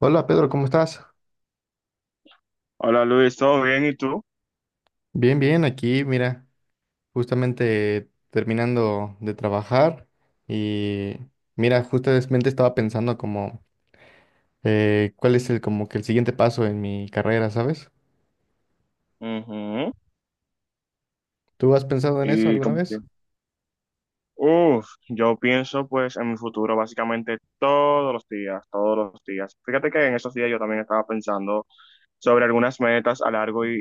Hola Pedro, ¿cómo estás? Hola Luis, ¿todo bien? ¿Y tú? Bien, bien, aquí, mira, justamente terminando de trabajar y mira, justamente estaba pensando como cuál es el como que el siguiente paso en mi carrera, ¿sabes? Ujú. ¿Tú has pensado en eso Y alguna como que, vez? Yo pienso pues en mi futuro básicamente todos los días, todos los días. Fíjate que en esos días yo también estaba pensando sobre algunas metas a largo y,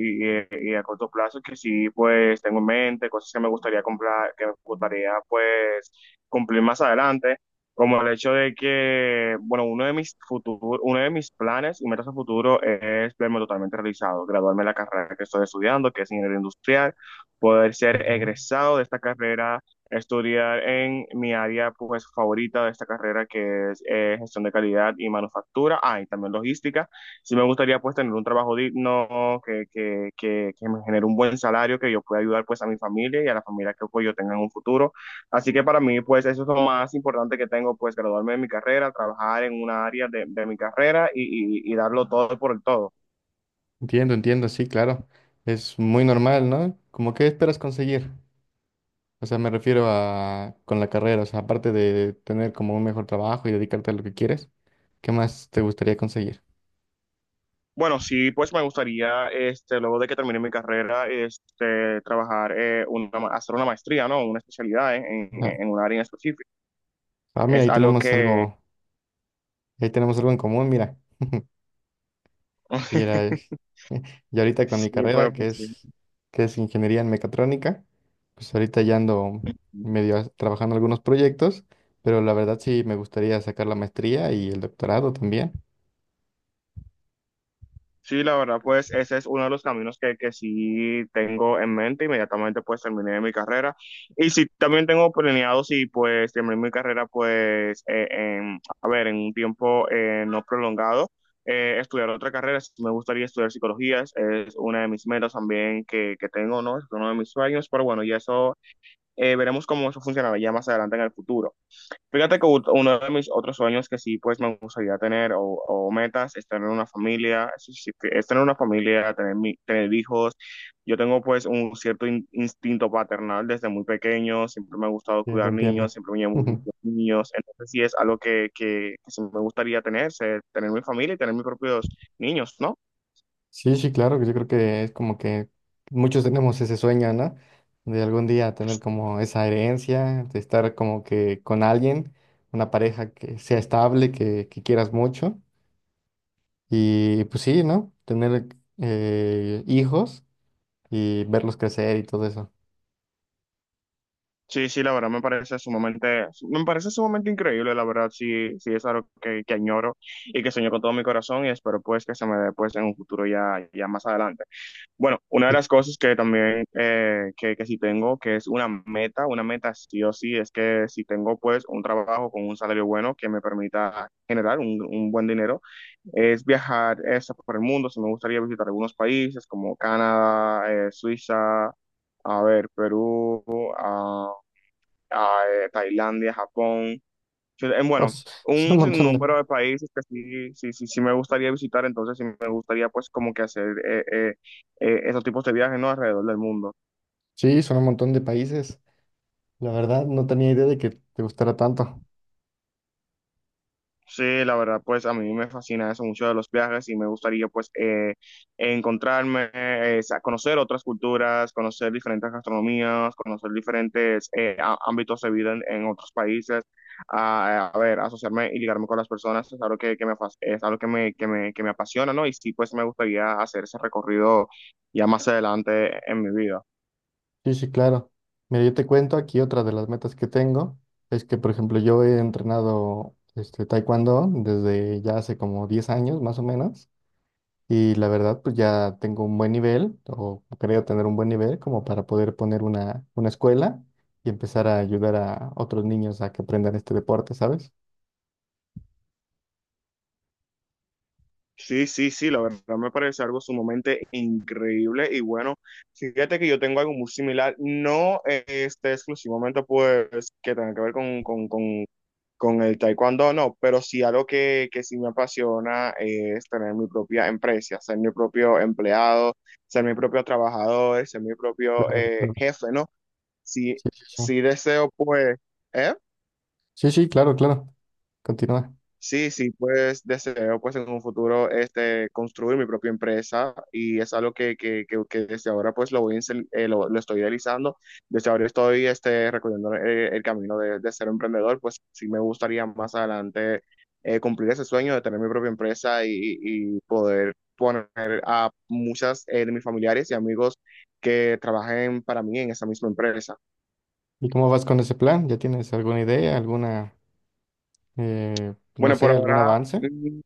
y- y a corto plazo que sí, pues tengo en mente, cosas que me gustaría comprar, que me gustaría, pues, cumplir más adelante, como el hecho de que, bueno, uno de mis planes y metas a futuro es verme totalmente realizado, graduarme de la carrera que estoy estudiando, que es ingeniería industrial, poder ser Ujú. egresado de esta carrera, estudiar en mi área pues favorita de esta carrera que es gestión de calidad y manufactura, ah, y también logística. Sí me gustaría pues tener un trabajo digno que me genere un buen salario, que yo pueda ayudar pues a mi familia y a la familia que pues, yo tenga en un futuro. Así que para mí pues eso es lo más importante que tengo, pues graduarme de mi carrera, trabajar en una área de mi carrera y darlo todo por el todo. Entiendo, entiendo, sí, claro. Es muy normal, ¿no? ¿Como qué esperas conseguir? O sea, me refiero a con la carrera, o sea, aparte de tener como un mejor trabajo y dedicarte a lo que quieres, ¿qué más te gustaría conseguir? Bueno, sí, pues me gustaría, este, luego de que termine mi carrera, este, trabajar, hacer una maestría, ¿no? Una especialidad en, en, Ah, en un área en específico. ah, mira, Es ahí algo tenemos que... algo. Ahí tenemos algo en común, mira. Y era, eh, y ahorita con mi Sí, pero carrera, que pues sí. es, que es ingeniería en mecatrónica, pues ahorita ya ando trabajando algunos proyectos, pero la verdad sí me gustaría sacar la maestría y el doctorado también. Sí, la verdad, pues ese es uno de los caminos que sí tengo en mente. Inmediatamente pues terminé mi carrera. Y sí, también tengo planeado, sí, pues terminé mi carrera pues, a ver, en un tiempo no prolongado, estudiar otra carrera. Sí, me gustaría estudiar psicología, es una de mis metas también que tengo, ¿no? Es uno de mis sueños, pero bueno, y eso, veremos cómo eso funcionará ya más adelante en el futuro. Fíjate que uno de mis otros sueños que sí, pues me gustaría tener, o metas, es tener una familia, es decir, es tener una familia, tener hijos. Yo tengo pues un cierto instinto paternal desde muy pequeño, siempre me ha gustado Ya te cuidar entiendo. niños, siempre me llamó Ujú. niños, entonces sí es algo que sí me gustaría tener, tener mi familia y tener mis propios niños, ¿no? Sí, sí, claro, que yo creo que es como que muchos tenemos ese sueño, ¿no? De algún día tener como esa herencia, de estar como que con alguien, una pareja que sea estable, que quieras mucho. Y pues sí, ¿no? Tener hijos y verlos crecer y todo eso. Sí, sí, la verdad me parece me parece sumamente increíble, la verdad, sí, sí es algo que añoro y que sueño con todo mi corazón y espero pues que se me dé pues en un futuro ya, ya más adelante. Bueno, una de Y, las cosas que también, que sí tengo, que es una meta sí o sí, es que si tengo pues un trabajo con un salario bueno que me permita generar un buen dinero, es viajar eso por el mundo. Si me gustaría visitar algunos países como Canadá, Suiza, a ver, Perú, ah, a Tailandia, Japón, oh, bueno, son un un montón de... sinnúmero de países que sí me gustaría visitar, entonces sí me gustaría pues como que hacer esos tipos de viajes, ¿no? Alrededor del mundo. Sí, son un montón de países. La verdad, no tenía idea de que te gustara tanto. Sí, la verdad, pues a mí me fascina eso mucho de los viajes y me gustaría pues, encontrarme, conocer otras culturas, conocer diferentes gastronomías, conocer diferentes ámbitos de vida en otros países, a ver, asociarme y ligarme con las personas, es algo que es algo que me apasiona, ¿no? Y sí, pues me gustaría hacer ese recorrido ya más adelante en mi vida. Sí, sí, claro. Mira, yo te cuento aquí otra de las metas que tengo. Es que, por ejemplo, yo he entrenado este, taekwondo desde ya hace como 10 años, más o menos. Y la verdad, pues ya tengo un buen nivel, o creo tener un buen nivel, como para poder poner una escuela y empezar a ayudar a otros niños a que aprendan este deporte, ¿sabes? Sí, sí, sí, la verdad me parece algo sumamente increíble y bueno, fíjate que yo tengo algo muy similar, no este exclusivamente pues que tenga que ver con el taekwondo, no, pero sí algo que sí me apasiona, es tener mi propia empresa, ser mi propio empleado, ser mi propio trabajador, ser mi propio Claro, claro. jefe, ¿no? Sí, Sí, sí, sí. sí deseo pues, ¿eh? Sí, sí, claro, claro. Continúa. Sí, sí, pues deseo pues en un futuro este construir mi propia empresa, y es algo que desde ahora pues lo voy a lo estoy realizando. Desde ahora estoy este recorriendo el camino de ser emprendedor. Pues sí me gustaría más adelante, cumplir ese sueño de tener mi propia empresa y poder poner a muchas de mis familiares y amigos que trabajen para mí en esa misma empresa. ¿Y cómo vas con ese plan? ¿Ya tienes alguna idea, alguna, no Bueno, por sé, algún ahora avance? mm,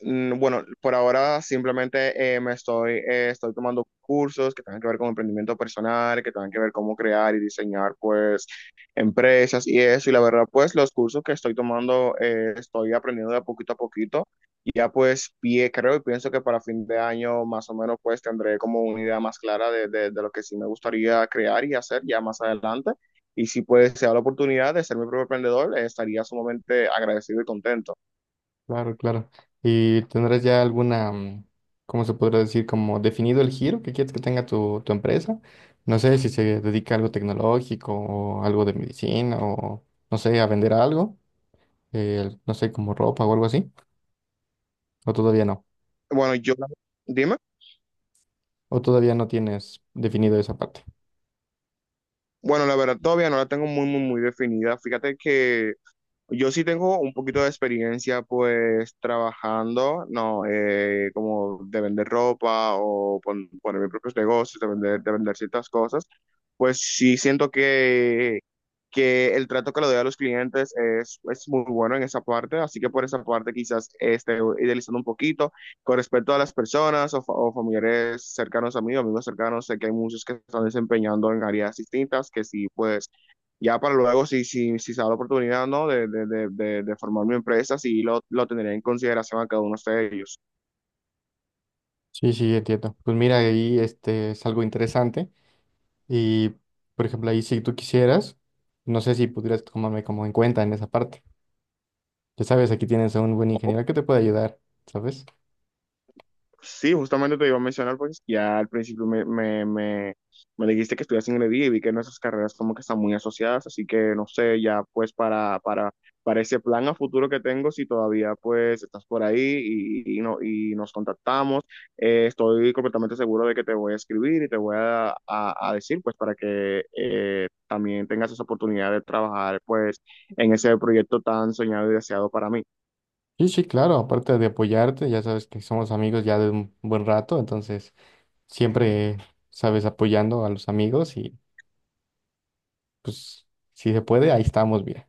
Bueno, por ahora simplemente, estoy tomando cursos que tengan que ver con emprendimiento personal, que tengan que ver cómo crear y diseñar pues empresas y eso. Y la verdad pues los cursos que estoy tomando, estoy aprendiendo de poquito a poquito. Y creo y pienso que para fin de año más o menos pues tendré como una idea más clara de lo que sí me gustaría crear y hacer ya más adelante. Y si pues se da la oportunidad de ser mi propio emprendedor, estaría sumamente agradecido y contento. Claro, claro. ¿Y tendrás ya alguna, mm, cómo se podría decir, como definido el giro que quieres que tenga tu, tu empresa? No sé si se dedica a algo tecnológico o algo de medicina o, no sé, a vender algo, no sé, como ropa o algo así, o todavía no, Bueno, yo, dime. o todavía no tienes definido esa parte. Bueno, la verdad todavía no la tengo muy, muy, muy definida. Fíjate que yo sí tengo un poquito de experiencia pues trabajando, no, como de vender ropa o poner mis propios negocios, de vender ciertas cosas, pues sí siento que el trato que le doy a los clientes es muy bueno en esa parte, así que por esa parte quizás esté idealizando un poquito. Con respecto a las personas o, o familiares cercanos a mí, o amigos cercanos, sé que hay muchos que están desempeñando en áreas distintas, que sí pues ya para luego, si se da la oportunidad, ¿no? De formar mi empresa, sí lo tendría en consideración a cada uno de ellos. Sí, sí, entiendo. Pues mira, ahí este es algo interesante y, por ejemplo, ahí si tú quisieras, no sé si pudieras tomarme como en cuenta en esa parte. Ya sabes, aquí tienes a un buen ingeniero que te puede ayudar, ¿sabes? Sí, justamente te iba a mencionar, pues ya al principio me dijiste que estudias ingeniería y vi que nuestras carreras como que están muy asociadas, así que no sé, ya pues para ese plan a futuro que tengo, si todavía pues estás por ahí y no, y nos contactamos, estoy completamente seguro de que te voy a escribir y te voy a decir pues para que también tengas esa oportunidad de trabajar pues en ese proyecto tan soñado y deseado para mí. Sí, sí, claro, aparte de apoyarte, ya sabes que somos amigos ya de un buen rato, entonces siempre sabes apoyando a los amigos y pues si se puede, ahí estamos bien.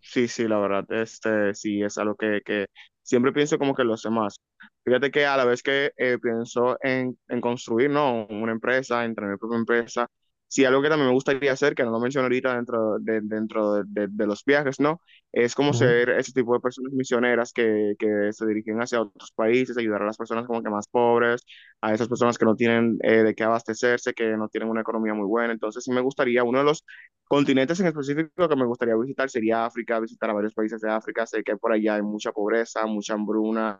Sí, sí, la verdad, este, sí, es algo que siempre pienso como que los demás. Fíjate que a la vez que pienso en construir, ¿no? Una empresa, en tener mi propia empresa, sí, algo que también me gustaría hacer, que no lo mencioné ahorita dentro de de los viajes, ¿no? Es como Ujú. ser ese tipo de personas misioneras que se dirigen hacia otros países, ayudar a las personas como que más pobres, a esas personas que no tienen de qué abastecerse, que no tienen una economía muy buena. Entonces, sí me gustaría, uno de los continentes en específico que me gustaría visitar sería África, visitar a varios países de África. Sé que por allá hay mucha pobreza, mucha hambruna,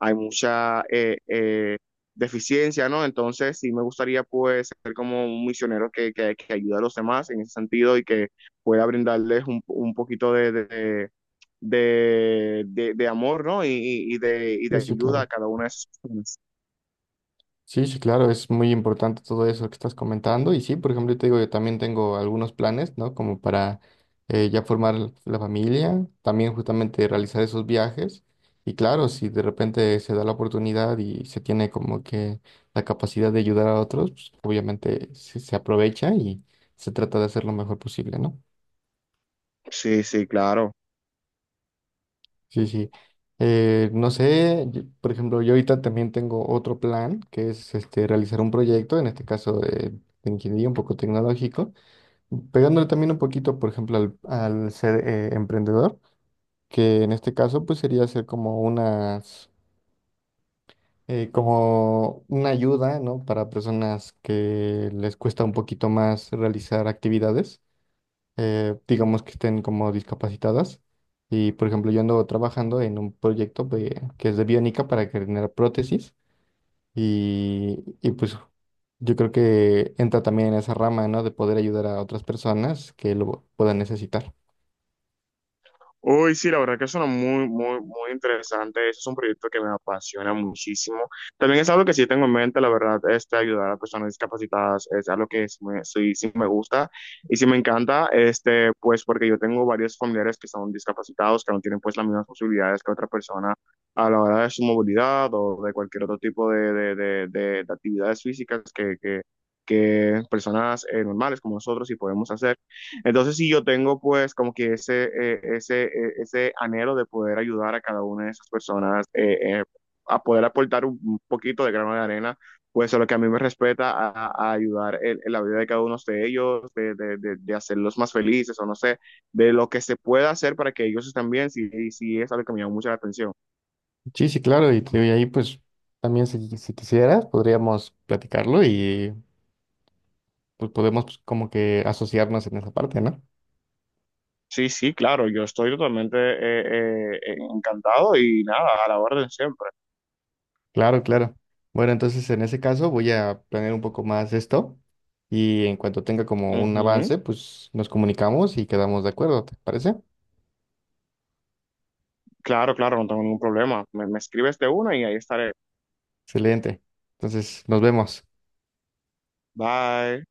hay mucha deficiencia, ¿no? Entonces sí me gustaría pues ser como un misionero que ayuda a los demás en ese sentido y que pueda brindarles un poquito de amor, ¿no? Y de Sí, sí, ayuda a claro. cada una de esas personas. Sí, sí, claro, es muy importante todo eso que estás comentando. Y sí, por ejemplo, yo te digo, yo también tengo algunos planes, ¿no? Como para ya formar la familia, también justamente realizar esos viajes. Y claro, si de repente se da la oportunidad y se tiene como que la capacidad de ayudar a otros, pues obviamente se aprovecha y se trata de hacer lo mejor posible, ¿no? Sí, sí, claro. Sí, sí. No sé, por ejemplo, yo ahorita también tengo otro plan, que es este, realizar un proyecto, en este caso de ingeniería un poco tecnológico, pegándole también un poquito, por ejemplo, al ser emprendedor, que en este caso pues sería hacer como unas, como una ayuda, ¿no? Para personas que les cuesta un poquito más realizar actividades digamos que estén como discapacitadas. Y por ejemplo, yo ando trabajando en un proyecto que es de biónica para generar prótesis y pues yo creo que entra también en esa rama, ¿no? De poder ayudar a otras personas que lo puedan necesitar. Uy, sí, la verdad que suena muy, muy, muy interesante. Ese es un proyecto que me apasiona muchísimo. También es algo que sí tengo en mente, la verdad, este, ayudar a personas discapacitadas es algo que sí sí me gusta y sí me encanta, este, pues porque yo tengo varios familiares que son discapacitados, que no tienen pues las mismas posibilidades que otra persona a la hora de su movilidad o de cualquier otro tipo de actividades físicas que personas normales como nosotros sí podemos hacer. Entonces, si yo tengo pues como que ese anhelo de poder ayudar a cada una de esas personas, a poder aportar un poquito de grano de arena, pues a lo que a mí me respeta a ayudar en la vida de cada uno de ellos, de hacerlos más felices o no sé, de lo que se pueda hacer para que ellos estén bien, sí, sí es algo que me llama mucho la atención. Sí, sí, claro, y, te digo, y ahí pues también si, si quisieras podríamos platicarlo y pues podemos pues, como que asociarnos en esa parte, ¿no? Sí, sí, claro, yo estoy totalmente encantado y nada, a la orden siempre. Claro, claro. Bueno, entonces en ese caso voy a planear un poco más esto y en cuanto tenga como un Ujú. avance, pues nos comunicamos y quedamos de acuerdo, ¿te parece? Claro, claro, no tengo ningún problema. Me escribes de una y ahí estaré. Excelente. Entonces, nos vemos. Bye.